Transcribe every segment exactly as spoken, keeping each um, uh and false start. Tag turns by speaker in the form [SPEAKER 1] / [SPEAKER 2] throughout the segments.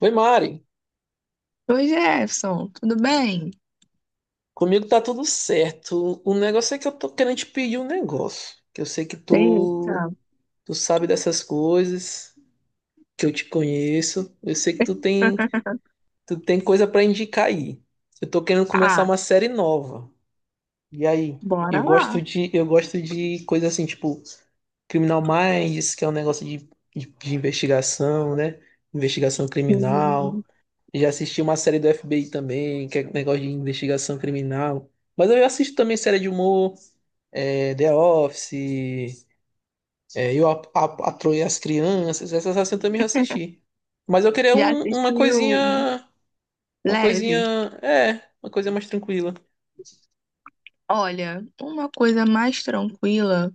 [SPEAKER 1] Oi, Mari.
[SPEAKER 2] Oi, Jefferson, tudo bem?
[SPEAKER 1] Comigo tá tudo certo. O negócio é que eu tô querendo te pedir um negócio. Que eu sei que tu,
[SPEAKER 2] Eita.
[SPEAKER 1] tu sabe dessas coisas, que eu te conheço. Eu sei que tu tem, tu tem coisa pra indicar aí. Eu tô querendo começar
[SPEAKER 2] Ah,
[SPEAKER 1] uma série nova. E aí? Eu
[SPEAKER 2] bora
[SPEAKER 1] gosto
[SPEAKER 2] lá.
[SPEAKER 1] de, eu gosto de coisa assim, tipo, Criminal Minds, que é um negócio de, de, de investigação, né? Investigação
[SPEAKER 2] Hum,
[SPEAKER 1] criminal. Já assisti uma série do F B I também, que é um negócio de investigação criminal. Mas eu assisto também série de humor, é, The Office, é, Eu a, a, a Troia e as Crianças, essas assim eu também já assisti. Mas eu queria
[SPEAKER 2] Já
[SPEAKER 1] um- uma
[SPEAKER 2] assistiu?
[SPEAKER 1] coisinha, uma coisinha,
[SPEAKER 2] Leve?
[SPEAKER 1] é, uma coisa mais tranquila.
[SPEAKER 2] Olha, uma coisa mais tranquila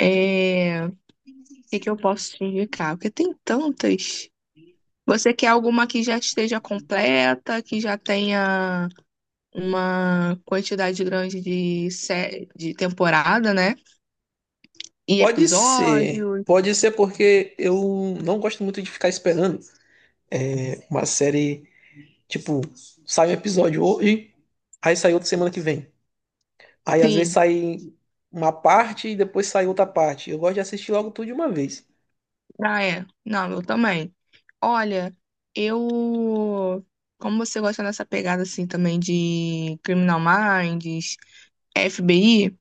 [SPEAKER 2] é. O que que eu posso te indicar? Porque tem tantas. Você quer alguma que já esteja completa, que já tenha uma quantidade grande de, sé... de temporada, né? E
[SPEAKER 1] Pode ser,
[SPEAKER 2] episódios.
[SPEAKER 1] pode ser porque eu não gosto muito de ficar esperando uma série, tipo, sai um episódio hoje, aí sai outro semana que vem. Aí às vezes
[SPEAKER 2] Sim,
[SPEAKER 1] sai uma parte e depois sai outra parte. Eu gosto de assistir logo tudo de uma vez.
[SPEAKER 2] ah, é. Não, eu também. Olha, eu. Como você gosta dessa pegada assim também de Criminal Minds, F B I,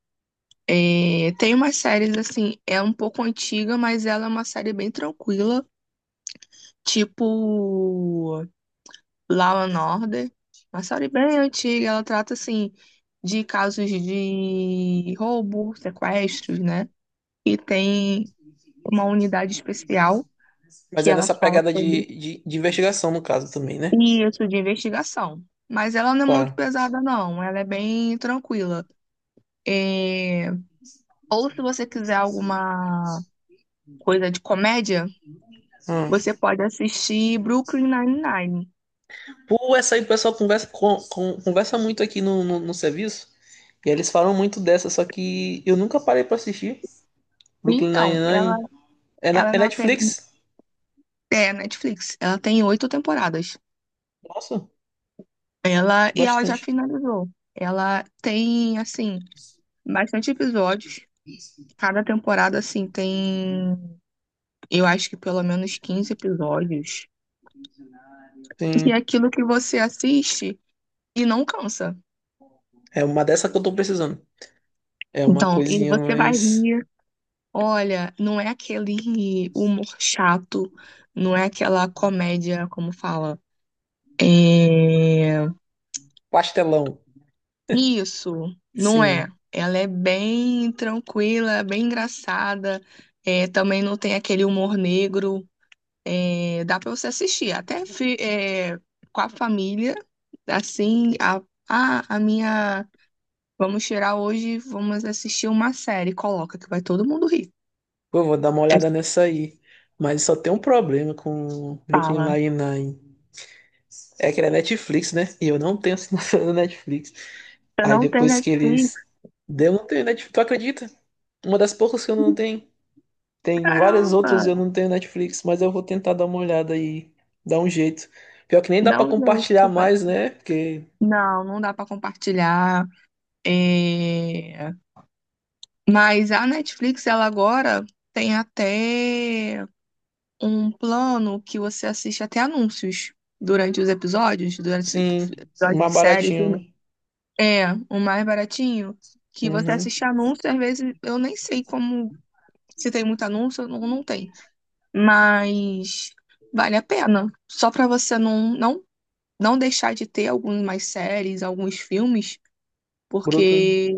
[SPEAKER 2] é, tem umas séries assim, é um pouco antiga, mas ela é uma série bem tranquila, tipo Law and Order, uma série bem antiga, ela trata assim de casos de roubo, sequestros, né? E tem uma unidade especial
[SPEAKER 1] Mas
[SPEAKER 2] que
[SPEAKER 1] é
[SPEAKER 2] ela
[SPEAKER 1] nessa
[SPEAKER 2] fala
[SPEAKER 1] pegada de,
[SPEAKER 2] sobre
[SPEAKER 1] de, de investigação, no caso, também, né?
[SPEAKER 2] isso, de investigação. Mas ela não é muito
[SPEAKER 1] Tá.
[SPEAKER 2] pesada, não. Ela é bem tranquila. É, ou se você quiser alguma coisa de comédia,
[SPEAKER 1] Ah.
[SPEAKER 2] você pode assistir Brooklyn Nine-Nine.
[SPEAKER 1] Pô, essa aí o pessoal conversa, com- com- conversa muito aqui no, no, no serviço. E aí eles falam muito dessa, só que eu nunca parei pra assistir. Brooklyn
[SPEAKER 2] Então, ela,
[SPEAKER 1] Nine-Nine. É, na-
[SPEAKER 2] ela é
[SPEAKER 1] é
[SPEAKER 2] na pe-
[SPEAKER 1] Netflix?
[SPEAKER 2] é, Netflix. Ela tem oito temporadas.
[SPEAKER 1] Nossa,
[SPEAKER 2] Ela e ela já
[SPEAKER 1] bastante.
[SPEAKER 2] finalizou. Ela tem, assim, bastante episódios. Cada temporada, assim, tem, eu acho que pelo menos quinze episódios. E é
[SPEAKER 1] Sim.
[SPEAKER 2] aquilo que você assiste. E não cansa.
[SPEAKER 1] É uma dessa que eu tô precisando. É uma
[SPEAKER 2] Então, e
[SPEAKER 1] coisinha
[SPEAKER 2] você vai
[SPEAKER 1] mais
[SPEAKER 2] rir. Olha, não é aquele humor chato, não é aquela comédia, como fala. É...
[SPEAKER 1] pastelão.
[SPEAKER 2] isso, não é.
[SPEAKER 1] Sim.
[SPEAKER 2] Ela é bem tranquila, bem engraçada. É, também não tem aquele humor negro. É, dá pra você assistir, até fi- é, com a família. Assim, a, ah, a minha. Vamos tirar hoje, vamos assistir uma série. Coloca que vai todo mundo rir.
[SPEAKER 1] Pô, vou dar uma olhada nessa aí. Mas só tem um problema com Brooklyn
[SPEAKER 2] Fala.
[SPEAKER 1] Nine-Nine. É que ele é Netflix, né? E eu não tenho assinatura da Netflix.
[SPEAKER 2] Se eu
[SPEAKER 1] Aí
[SPEAKER 2] não tenho
[SPEAKER 1] depois que
[SPEAKER 2] Netflix,
[SPEAKER 1] eles... Eu não tenho Netflix, tu acredita? Uma das poucas que eu não tenho. Tem várias
[SPEAKER 2] caramba,
[SPEAKER 1] outras e eu não tenho Netflix, mas eu vou tentar dar uma olhada e dar um jeito. Pior que nem dá
[SPEAKER 2] dá
[SPEAKER 1] pra
[SPEAKER 2] um jeito
[SPEAKER 1] compartilhar
[SPEAKER 2] que vai.
[SPEAKER 1] mais, né? Porque,
[SPEAKER 2] Não, não dá pra compartilhar. É, mas a Netflix, ela agora tem até um plano que você assiste até anúncios durante os episódios, durante os
[SPEAKER 1] sim,
[SPEAKER 2] episódios
[SPEAKER 1] mais
[SPEAKER 2] de série,
[SPEAKER 1] baratinho,
[SPEAKER 2] filme.
[SPEAKER 1] né?
[SPEAKER 2] É, o mais baratinho, que você
[SPEAKER 1] Uhum.
[SPEAKER 2] assiste anúncio, às vezes eu nem sei como se tem muito anúncio ou não não tem. Mas vale a pena. Só pra você não, não não deixar de ter algumas séries, alguns filmes,
[SPEAKER 1] Brooklyn.
[SPEAKER 2] porque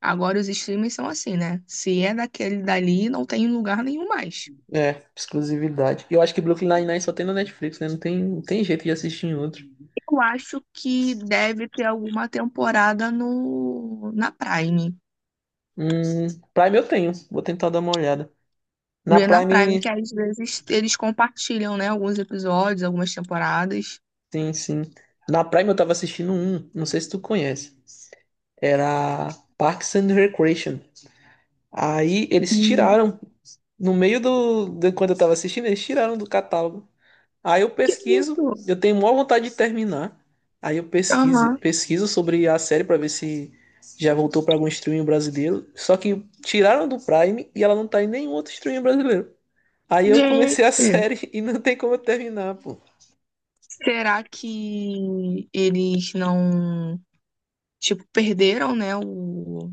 [SPEAKER 2] agora os streamers são assim, né? Se é daquele dali, não tem em lugar nenhum mais.
[SPEAKER 1] É, exclusividade. E eu acho que Brooklyn Nine-Nine só tem na Netflix, né? Não tem, não tem jeito de assistir em outro.
[SPEAKER 2] Eu acho que deve ter alguma temporada no na Prime.
[SPEAKER 1] Hum, Prime eu tenho, vou tentar dar uma olhada. Na
[SPEAKER 2] Vê na Prime, que
[SPEAKER 1] Prime,
[SPEAKER 2] às vezes eles compartilham, né? Alguns episódios, algumas temporadas.
[SPEAKER 1] sim, sim. Na Prime eu tava assistindo um, não sei se tu conhece. Era Parks and Recreation. Aí eles
[SPEAKER 2] Hum,
[SPEAKER 1] tiraram, no meio do, de quando eu tava assistindo, eles tiraram do catálogo. Aí eu
[SPEAKER 2] Que
[SPEAKER 1] pesquiso,
[SPEAKER 2] isso?
[SPEAKER 1] eu tenho maior vontade de terminar. Aí eu pesquiso,
[SPEAKER 2] Aham.
[SPEAKER 1] pesquiso sobre a série para ver se já voltou para algum streaming brasileiro. Só que tiraram do Prime e ela não tá em nenhum outro streaming brasileiro. Aí eu comecei a
[SPEAKER 2] Gente,
[SPEAKER 1] série e não tem como eu terminar, pô.
[SPEAKER 2] será que eles não, tipo, perderam, né, o,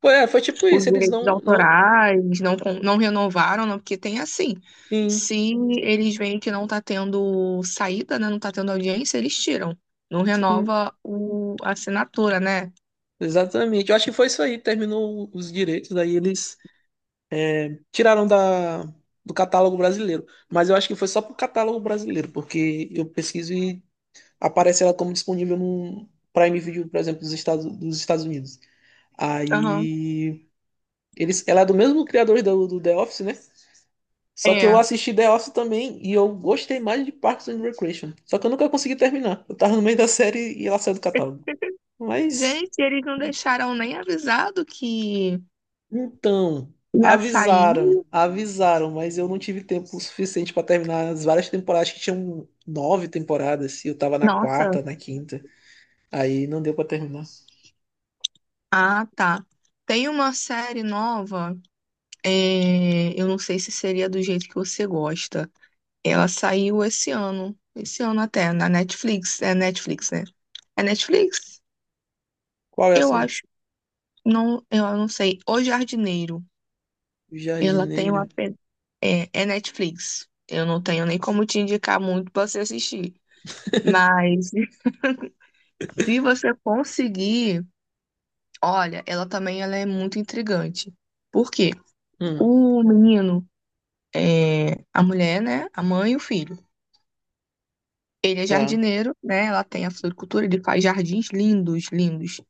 [SPEAKER 1] Pô, é, foi tipo
[SPEAKER 2] os
[SPEAKER 1] isso, eles
[SPEAKER 2] direitos
[SPEAKER 1] não, não...
[SPEAKER 2] autorais, não, con- não renovaram, não, porque tem assim.
[SPEAKER 1] Sim,
[SPEAKER 2] Se eles veem que não está tendo saída, né, não está tendo audiência, eles tiram. Não
[SPEAKER 1] sim,
[SPEAKER 2] renova o, a assinatura, né?
[SPEAKER 1] exatamente. Eu acho que foi isso aí, terminou os direitos, daí eles tiraram da, do catálogo brasileiro. Mas eu acho que foi só pro catálogo brasileiro, porque eu pesquiso e aparece ela como disponível no Prime Video, por exemplo, dos Estados, dos Estados Unidos.
[SPEAKER 2] Aham.
[SPEAKER 1] Aí. Eles, ela é do mesmo criador do, do The Office, né? Só que eu
[SPEAKER 2] É.
[SPEAKER 1] assisti The Office também e eu gostei mais de Parks and Recreation. Só que eu nunca consegui terminar. Eu tava no meio da série e ela saiu do catálogo. Mas,
[SPEAKER 2] Gente, eles não deixaram nem avisado que
[SPEAKER 1] então,
[SPEAKER 2] ia sair.
[SPEAKER 1] avisaram, avisaram, mas eu não tive tempo suficiente pra terminar as várias temporadas, que tinham nove temporadas, e eu tava na
[SPEAKER 2] Nossa.
[SPEAKER 1] quarta, na quinta. Aí não deu pra terminar.
[SPEAKER 2] Ah, tá. Tem uma série nova, é, eu não sei se seria do jeito que você gosta. Ela saiu esse ano, esse ano até, na Netflix, é Netflix, né? É Netflix?
[SPEAKER 1] Qual é a
[SPEAKER 2] Eu
[SPEAKER 1] série?
[SPEAKER 2] acho. Não, eu não sei. O Jardineiro.
[SPEAKER 1] O
[SPEAKER 2] Ela tem uma.
[SPEAKER 1] Jardineiro.
[SPEAKER 2] Pe- É, é Netflix. Eu não tenho nem como te indicar muito pra você assistir. Mas se você conseguir, olha, ela também ela é muito intrigante. Por quê?
[SPEAKER 1] Hum,
[SPEAKER 2] O menino, é, a mulher, né? A mãe e o filho. Ele é
[SPEAKER 1] tá,
[SPEAKER 2] jardineiro, né? Ela tem a floricultura, ele faz jardins lindos, lindos.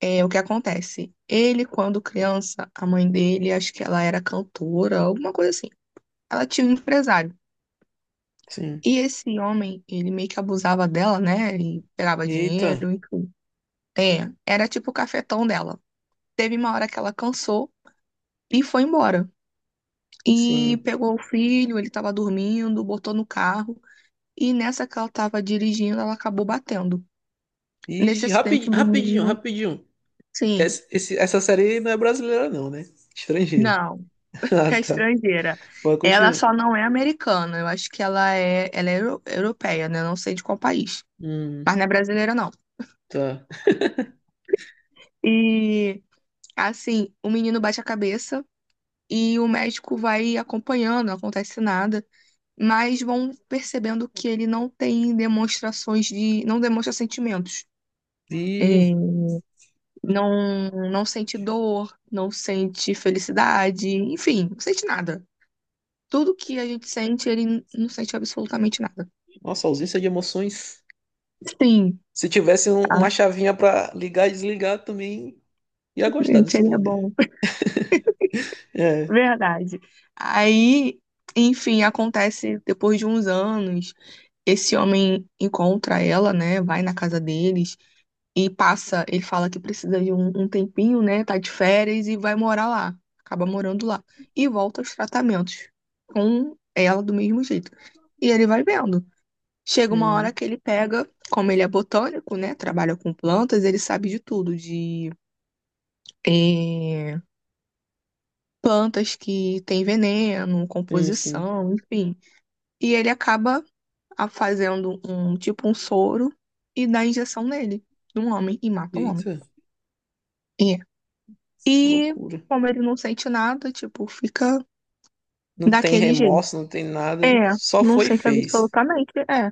[SPEAKER 2] É, o que acontece? Ele, quando criança, a mãe dele, acho que ela era cantora, alguma coisa assim. Ela tinha um empresário.
[SPEAKER 1] sim.
[SPEAKER 2] E esse homem, ele meio que abusava dela, né? E pegava
[SPEAKER 1] Eita,
[SPEAKER 2] dinheiro, enfim. É, era tipo o cafetão dela. Teve uma hora que ela cansou e foi embora. E
[SPEAKER 1] sim.
[SPEAKER 2] pegou o filho, ele tava dormindo, botou no carro. E nessa que ela tava dirigindo, ela acabou batendo. Nesse
[SPEAKER 1] E rapidinho,
[SPEAKER 2] acidente, o
[SPEAKER 1] rapidinho,
[SPEAKER 2] menino,
[SPEAKER 1] rapidinho.
[SPEAKER 2] sim.
[SPEAKER 1] Essa, esse- essa série não é brasileira, não, né? Estrangeira.
[SPEAKER 2] Não.
[SPEAKER 1] Ah,
[SPEAKER 2] É
[SPEAKER 1] tá.
[SPEAKER 2] estrangeira.
[SPEAKER 1] Pode
[SPEAKER 2] Ela
[SPEAKER 1] continuar.
[SPEAKER 2] só não é americana. Eu acho que ela é, ela é euro- europeia, né? Eu não sei de qual país.
[SPEAKER 1] Hum,
[SPEAKER 2] Mas não é brasileira, não.
[SPEAKER 1] tá.
[SPEAKER 2] E, assim, o menino bate a cabeça e o médico vai acompanhando, não acontece nada. Mas vão percebendo que ele não tem demonstrações de. Não demonstra sentimentos. É,
[SPEAKER 1] Virgem.
[SPEAKER 2] não, não sente dor, não sente felicidade, enfim, não sente nada. Tudo que a gente sente, ele não sente absolutamente nada.
[SPEAKER 1] Nossa, ausência de emoções.
[SPEAKER 2] Sim.
[SPEAKER 1] Se tivesse um- uma chavinha pra ligar e desligar, também ia gostar desse
[SPEAKER 2] Seria
[SPEAKER 1] poder.
[SPEAKER 2] bom.
[SPEAKER 1] É.
[SPEAKER 2] Verdade. Aí, enfim, acontece depois de uns anos, esse homem encontra ela, né? Vai na casa deles e passa. Ele fala que precisa de um, um tempinho, né? Tá de férias e vai morar lá. Acaba morando lá. E volta aos tratamentos com ela do mesmo jeito. E ele vai vendo. Chega uma hora
[SPEAKER 1] Uhum.
[SPEAKER 2] que ele pega, como ele é botânico, né? Trabalha com plantas, ele sabe de tudo, de. eh, plantas que têm veneno,
[SPEAKER 1] Sim, sim.
[SPEAKER 2] composição, enfim. E ele acaba a- fazendo um tipo um soro e dá injeção nele, num homem, e mata um homem.
[SPEAKER 1] Eita,
[SPEAKER 2] É. E
[SPEAKER 1] loucura.
[SPEAKER 2] como ele não sente nada, tipo, fica
[SPEAKER 1] Não tem
[SPEAKER 2] daquele jeito.
[SPEAKER 1] remorso, não tem nada.
[SPEAKER 2] É,
[SPEAKER 1] Só
[SPEAKER 2] não
[SPEAKER 1] foi e
[SPEAKER 2] sente
[SPEAKER 1] fez.
[SPEAKER 2] absolutamente, é.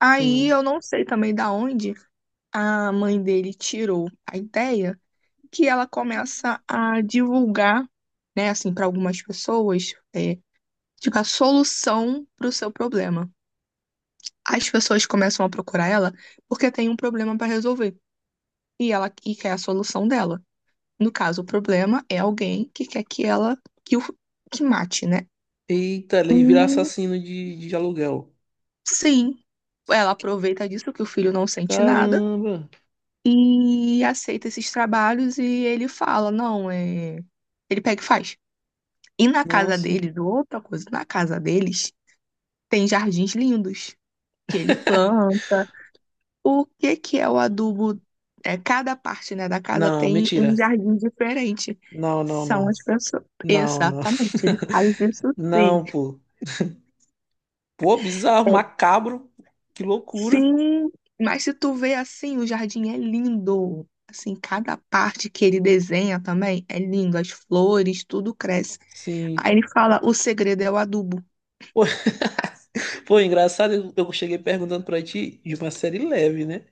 [SPEAKER 2] Aí
[SPEAKER 1] Sim.
[SPEAKER 2] eu não sei também da onde a mãe dele tirou a ideia que ela começa a divulgar, né, assim, para algumas pessoas, é, tipo, a solução para o seu problema. As pessoas começam a procurar ela porque tem um problema para resolver e ela e quer a solução dela. No caso, o problema é alguém que quer que ela que o que mate, né?
[SPEAKER 1] Eita, ele vira
[SPEAKER 2] Hum,
[SPEAKER 1] assassino de, de aluguel.
[SPEAKER 2] sim, ela aproveita disso que o filho não sente nada
[SPEAKER 1] Caramba!
[SPEAKER 2] e aceita esses trabalhos e ele fala, não, é... ele pega e faz. E na casa
[SPEAKER 1] Nossa.
[SPEAKER 2] deles, outra coisa, na casa deles tem jardins lindos que ele planta. O que que é o adubo? É, cada parte, né, da casa
[SPEAKER 1] Não,
[SPEAKER 2] tem
[SPEAKER 1] mentira.
[SPEAKER 2] um jardim diferente.
[SPEAKER 1] Não, não,
[SPEAKER 2] São
[SPEAKER 1] não.
[SPEAKER 2] as pessoas.
[SPEAKER 1] Não, não.
[SPEAKER 2] Exatamente, ele faz isso, sim.
[SPEAKER 1] Não, pô. Pô, bizarro,
[SPEAKER 2] É,
[SPEAKER 1] macabro. Que loucura.
[SPEAKER 2] sim, mas se tu vê assim, o jardim é lindo. Assim, cada parte que ele desenha também é lindo. As flores, tudo cresce.
[SPEAKER 1] Sim.
[SPEAKER 2] Aí ele fala, o segredo é o adubo.
[SPEAKER 1] Pô, pô, engraçado, eu eu cheguei perguntando pra ti de uma série leve, né?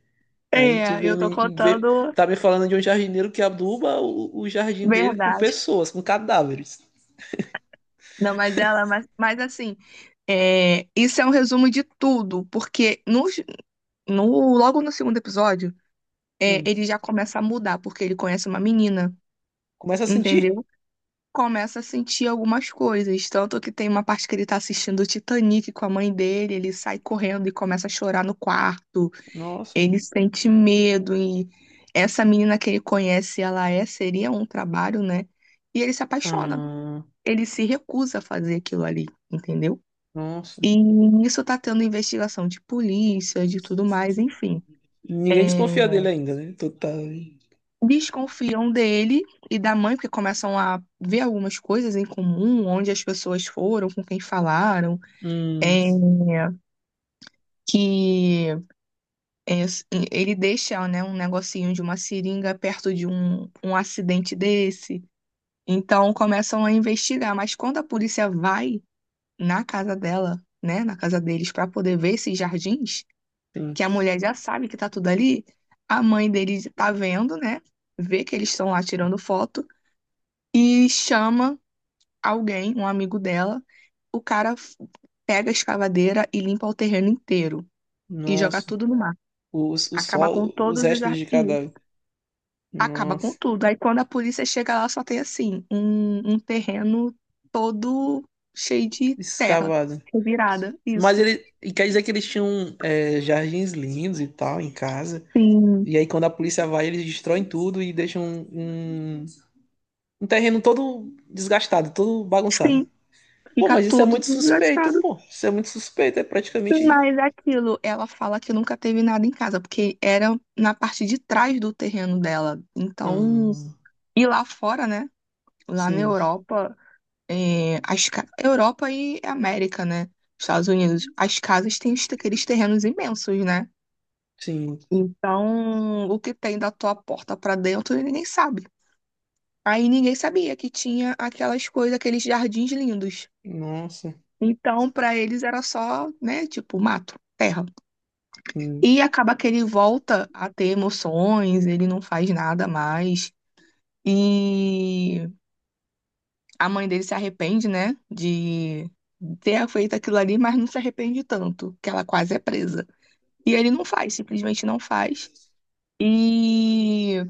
[SPEAKER 1] Aí tu
[SPEAKER 2] É,
[SPEAKER 1] veio
[SPEAKER 2] eu tô
[SPEAKER 1] me, veio-
[SPEAKER 2] contando
[SPEAKER 1] tá me falando de um jardineiro que aduba o, o jardim dele com
[SPEAKER 2] verdade.
[SPEAKER 1] pessoas, com cadáveres.
[SPEAKER 2] Não, mas ela, mas, mas assim, é, isso é um resumo de tudo, porque nos, no, logo no segundo episódio, é,
[SPEAKER 1] Sim.
[SPEAKER 2] ele já começa a mudar, porque ele conhece uma menina,
[SPEAKER 1] Começa a sentir?
[SPEAKER 2] entendeu? Começa a sentir algumas coisas. Tanto que tem uma parte que ele tá assistindo o Titanic com a mãe dele, ele sai correndo e começa a chorar no quarto.
[SPEAKER 1] Nossa.
[SPEAKER 2] Ele sente medo e essa menina que ele conhece, ela é, seria um trabalho, né? E ele se apaixona.
[SPEAKER 1] Ah,
[SPEAKER 2] Ele se recusa a fazer aquilo ali, entendeu?
[SPEAKER 1] nossa.
[SPEAKER 2] E nisso tá tendo investigação de polícia, de tudo mais, enfim.
[SPEAKER 1] Ninguém
[SPEAKER 2] É,
[SPEAKER 1] desconfia dele ainda, né? Tu tá...
[SPEAKER 2] desconfiam dele e da mãe, porque começam a ver algumas coisas em comum, onde as pessoas foram, com quem falaram,
[SPEAKER 1] Hum,
[SPEAKER 2] é, que é, ele deixa, né, um negocinho de uma seringa perto de um, um acidente desse. Então começam a investigar, mas quando a polícia vai na casa dela, né, na casa deles, para poder ver esses jardins,
[SPEAKER 1] sim.
[SPEAKER 2] que a mulher já sabe que tá tudo ali, a mãe dele tá vendo, né, vê que eles estão lá tirando foto e chama alguém, um amigo dela. O cara f- Pega a escavadeira e limpa o terreno inteiro e joga
[SPEAKER 1] Nossa,
[SPEAKER 2] tudo no mar.
[SPEAKER 1] os, os,
[SPEAKER 2] Acaba com
[SPEAKER 1] sol, os
[SPEAKER 2] todos os
[SPEAKER 1] restos de
[SPEAKER 2] jardins.
[SPEAKER 1] cadáver.
[SPEAKER 2] Acaba com
[SPEAKER 1] Nossa,
[SPEAKER 2] tudo. Aí quando a polícia chega lá, só tem assim, um, um terreno todo cheio de terra,
[SPEAKER 1] escavado.
[SPEAKER 2] revirada.
[SPEAKER 1] Mas
[SPEAKER 2] Isso.
[SPEAKER 1] ele, e quer dizer que eles tinham é, jardins lindos e tal em casa.
[SPEAKER 2] Sim.
[SPEAKER 1] E aí quando a polícia vai, eles destroem tudo e deixam um, um, um terreno todo desgastado, todo bagunçado.
[SPEAKER 2] Sim.
[SPEAKER 1] Pô,
[SPEAKER 2] Fica
[SPEAKER 1] mas isso é
[SPEAKER 2] tudo
[SPEAKER 1] muito suspeito,
[SPEAKER 2] desgastado.
[SPEAKER 1] pô. Isso é muito suspeito, é
[SPEAKER 2] Sim,
[SPEAKER 1] praticamente...
[SPEAKER 2] mas é aquilo, ela fala que nunca teve nada em casa, porque era na parte de trás do terreno dela. Então,
[SPEAKER 1] Ah,
[SPEAKER 2] e lá fora, né? Lá na
[SPEAKER 1] sim,
[SPEAKER 2] Europa, é, as, ca- Europa e América, né? Estados Unidos, as casas têm os- aqueles terrenos imensos, né?
[SPEAKER 1] sim.
[SPEAKER 2] Então, o que tem da tua porta pra dentro, ninguém sabe. Aí ninguém sabia que tinha aquelas coisas, aqueles jardins lindos.
[SPEAKER 1] Nossa,
[SPEAKER 2] Então, pra eles era só, né, tipo, mato, terra.
[SPEAKER 1] sim.
[SPEAKER 2] E acaba que ele volta a ter emoções, ele não faz nada mais. E a mãe dele se arrepende, né, de ter feito aquilo ali, mas não se arrepende tanto, que ela quase é presa. E ele não faz, simplesmente não faz. E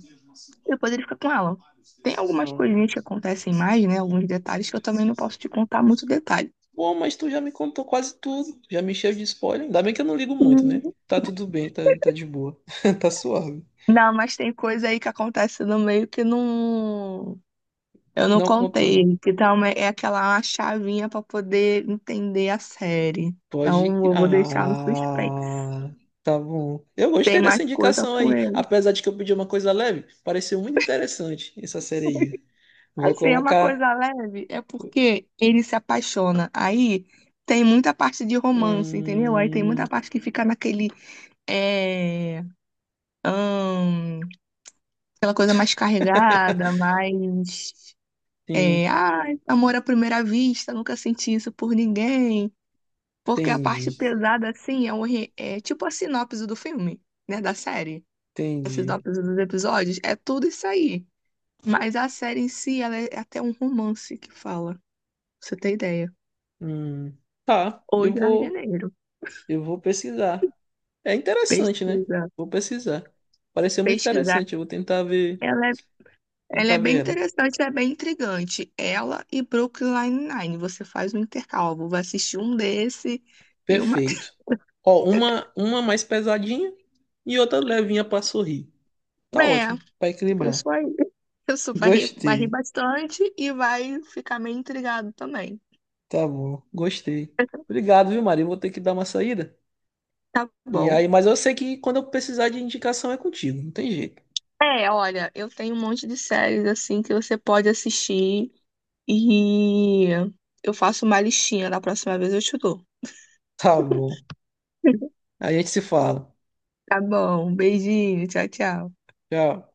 [SPEAKER 2] depois ele fica com ela. Tem algumas
[SPEAKER 1] Ah.
[SPEAKER 2] coisinhas que acontecem mais, né, alguns detalhes que eu também não posso te contar muito detalhe.
[SPEAKER 1] Bom, mas tu já me contou quase tudo, já me encheu de spoiler. Ainda bem que eu não ligo muito, né?
[SPEAKER 2] Uhum.
[SPEAKER 1] Tá tudo bem, tá, tá de boa, tá suave.
[SPEAKER 2] Não, mas tem coisa aí que acontece no meio que não eu não
[SPEAKER 1] Não contou.
[SPEAKER 2] contei, que também é aquela chavinha pra poder entender a série. Então,
[SPEAKER 1] Pode.
[SPEAKER 2] eu vou deixar no suspense.
[SPEAKER 1] Ah, tá bom. Eu
[SPEAKER 2] Tem
[SPEAKER 1] gostei
[SPEAKER 2] mais
[SPEAKER 1] dessa
[SPEAKER 2] coisa
[SPEAKER 1] indicação
[SPEAKER 2] com
[SPEAKER 1] aí,
[SPEAKER 2] ele.
[SPEAKER 1] apesar de que eu pedi uma coisa leve, pareceu muito interessante essa série aí. Vou
[SPEAKER 2] Assim, é uma
[SPEAKER 1] colocar.
[SPEAKER 2] coisa leve, é porque ele se apaixona. Aí tem muita parte de romance, entendeu? Aí tem
[SPEAKER 1] Hum...
[SPEAKER 2] muita parte que fica naquele. É, hum, aquela coisa mais carregada, mais. É,
[SPEAKER 1] Sim,
[SPEAKER 2] ah, amor à primeira vista, nunca senti isso por ninguém. Porque a parte
[SPEAKER 1] entendi,
[SPEAKER 2] pesada, assim, é, um, re- é tipo a sinopse do filme, né? Da série. A
[SPEAKER 1] entendi.
[SPEAKER 2] sinopse dos episódios, é tudo isso aí. Mas a série em si, ela é até um romance que fala. Pra você tem ideia?
[SPEAKER 1] Hum, tá,
[SPEAKER 2] Ou
[SPEAKER 1] eu vou,
[SPEAKER 2] jardineiro.
[SPEAKER 1] eu vou pesquisar. É interessante, né?
[SPEAKER 2] Pesquisa,
[SPEAKER 1] Vou pesquisar. Pareceu muito
[SPEAKER 2] pesquisar.
[SPEAKER 1] interessante. Eu vou tentar ver,
[SPEAKER 2] Ela é, ela
[SPEAKER 1] tentar
[SPEAKER 2] é
[SPEAKER 1] ver
[SPEAKER 2] bem
[SPEAKER 1] ela.
[SPEAKER 2] interessante, é bem intrigante. Ela e Brooklyn Nine-Nine. Você faz um intercalvo, vai assistir um desse e uma.
[SPEAKER 1] Perfeito. Ó, uma, uma mais pesadinha e outra levinha pra sorrir. Tá
[SPEAKER 2] É,
[SPEAKER 1] ótimo, pra
[SPEAKER 2] eu
[SPEAKER 1] equilibrar.
[SPEAKER 2] sou aí. Eu sou, vai rir, vai rir
[SPEAKER 1] Gostei.
[SPEAKER 2] bastante e vai ficar meio intrigado também.
[SPEAKER 1] Tá bom, gostei. Obrigado, viu, Maria? Eu vou ter que dar uma saída.
[SPEAKER 2] Tá
[SPEAKER 1] E
[SPEAKER 2] bom.
[SPEAKER 1] aí, mas eu sei que quando eu precisar de indicação é contigo, não tem jeito.
[SPEAKER 2] É, olha, eu tenho um monte de séries assim que você pode assistir e eu faço uma listinha. Da próxima vez eu te dou.
[SPEAKER 1] Tá bom. A gente se fala.
[SPEAKER 2] Tá bom, beijinho, tchau, tchau.
[SPEAKER 1] Tchau.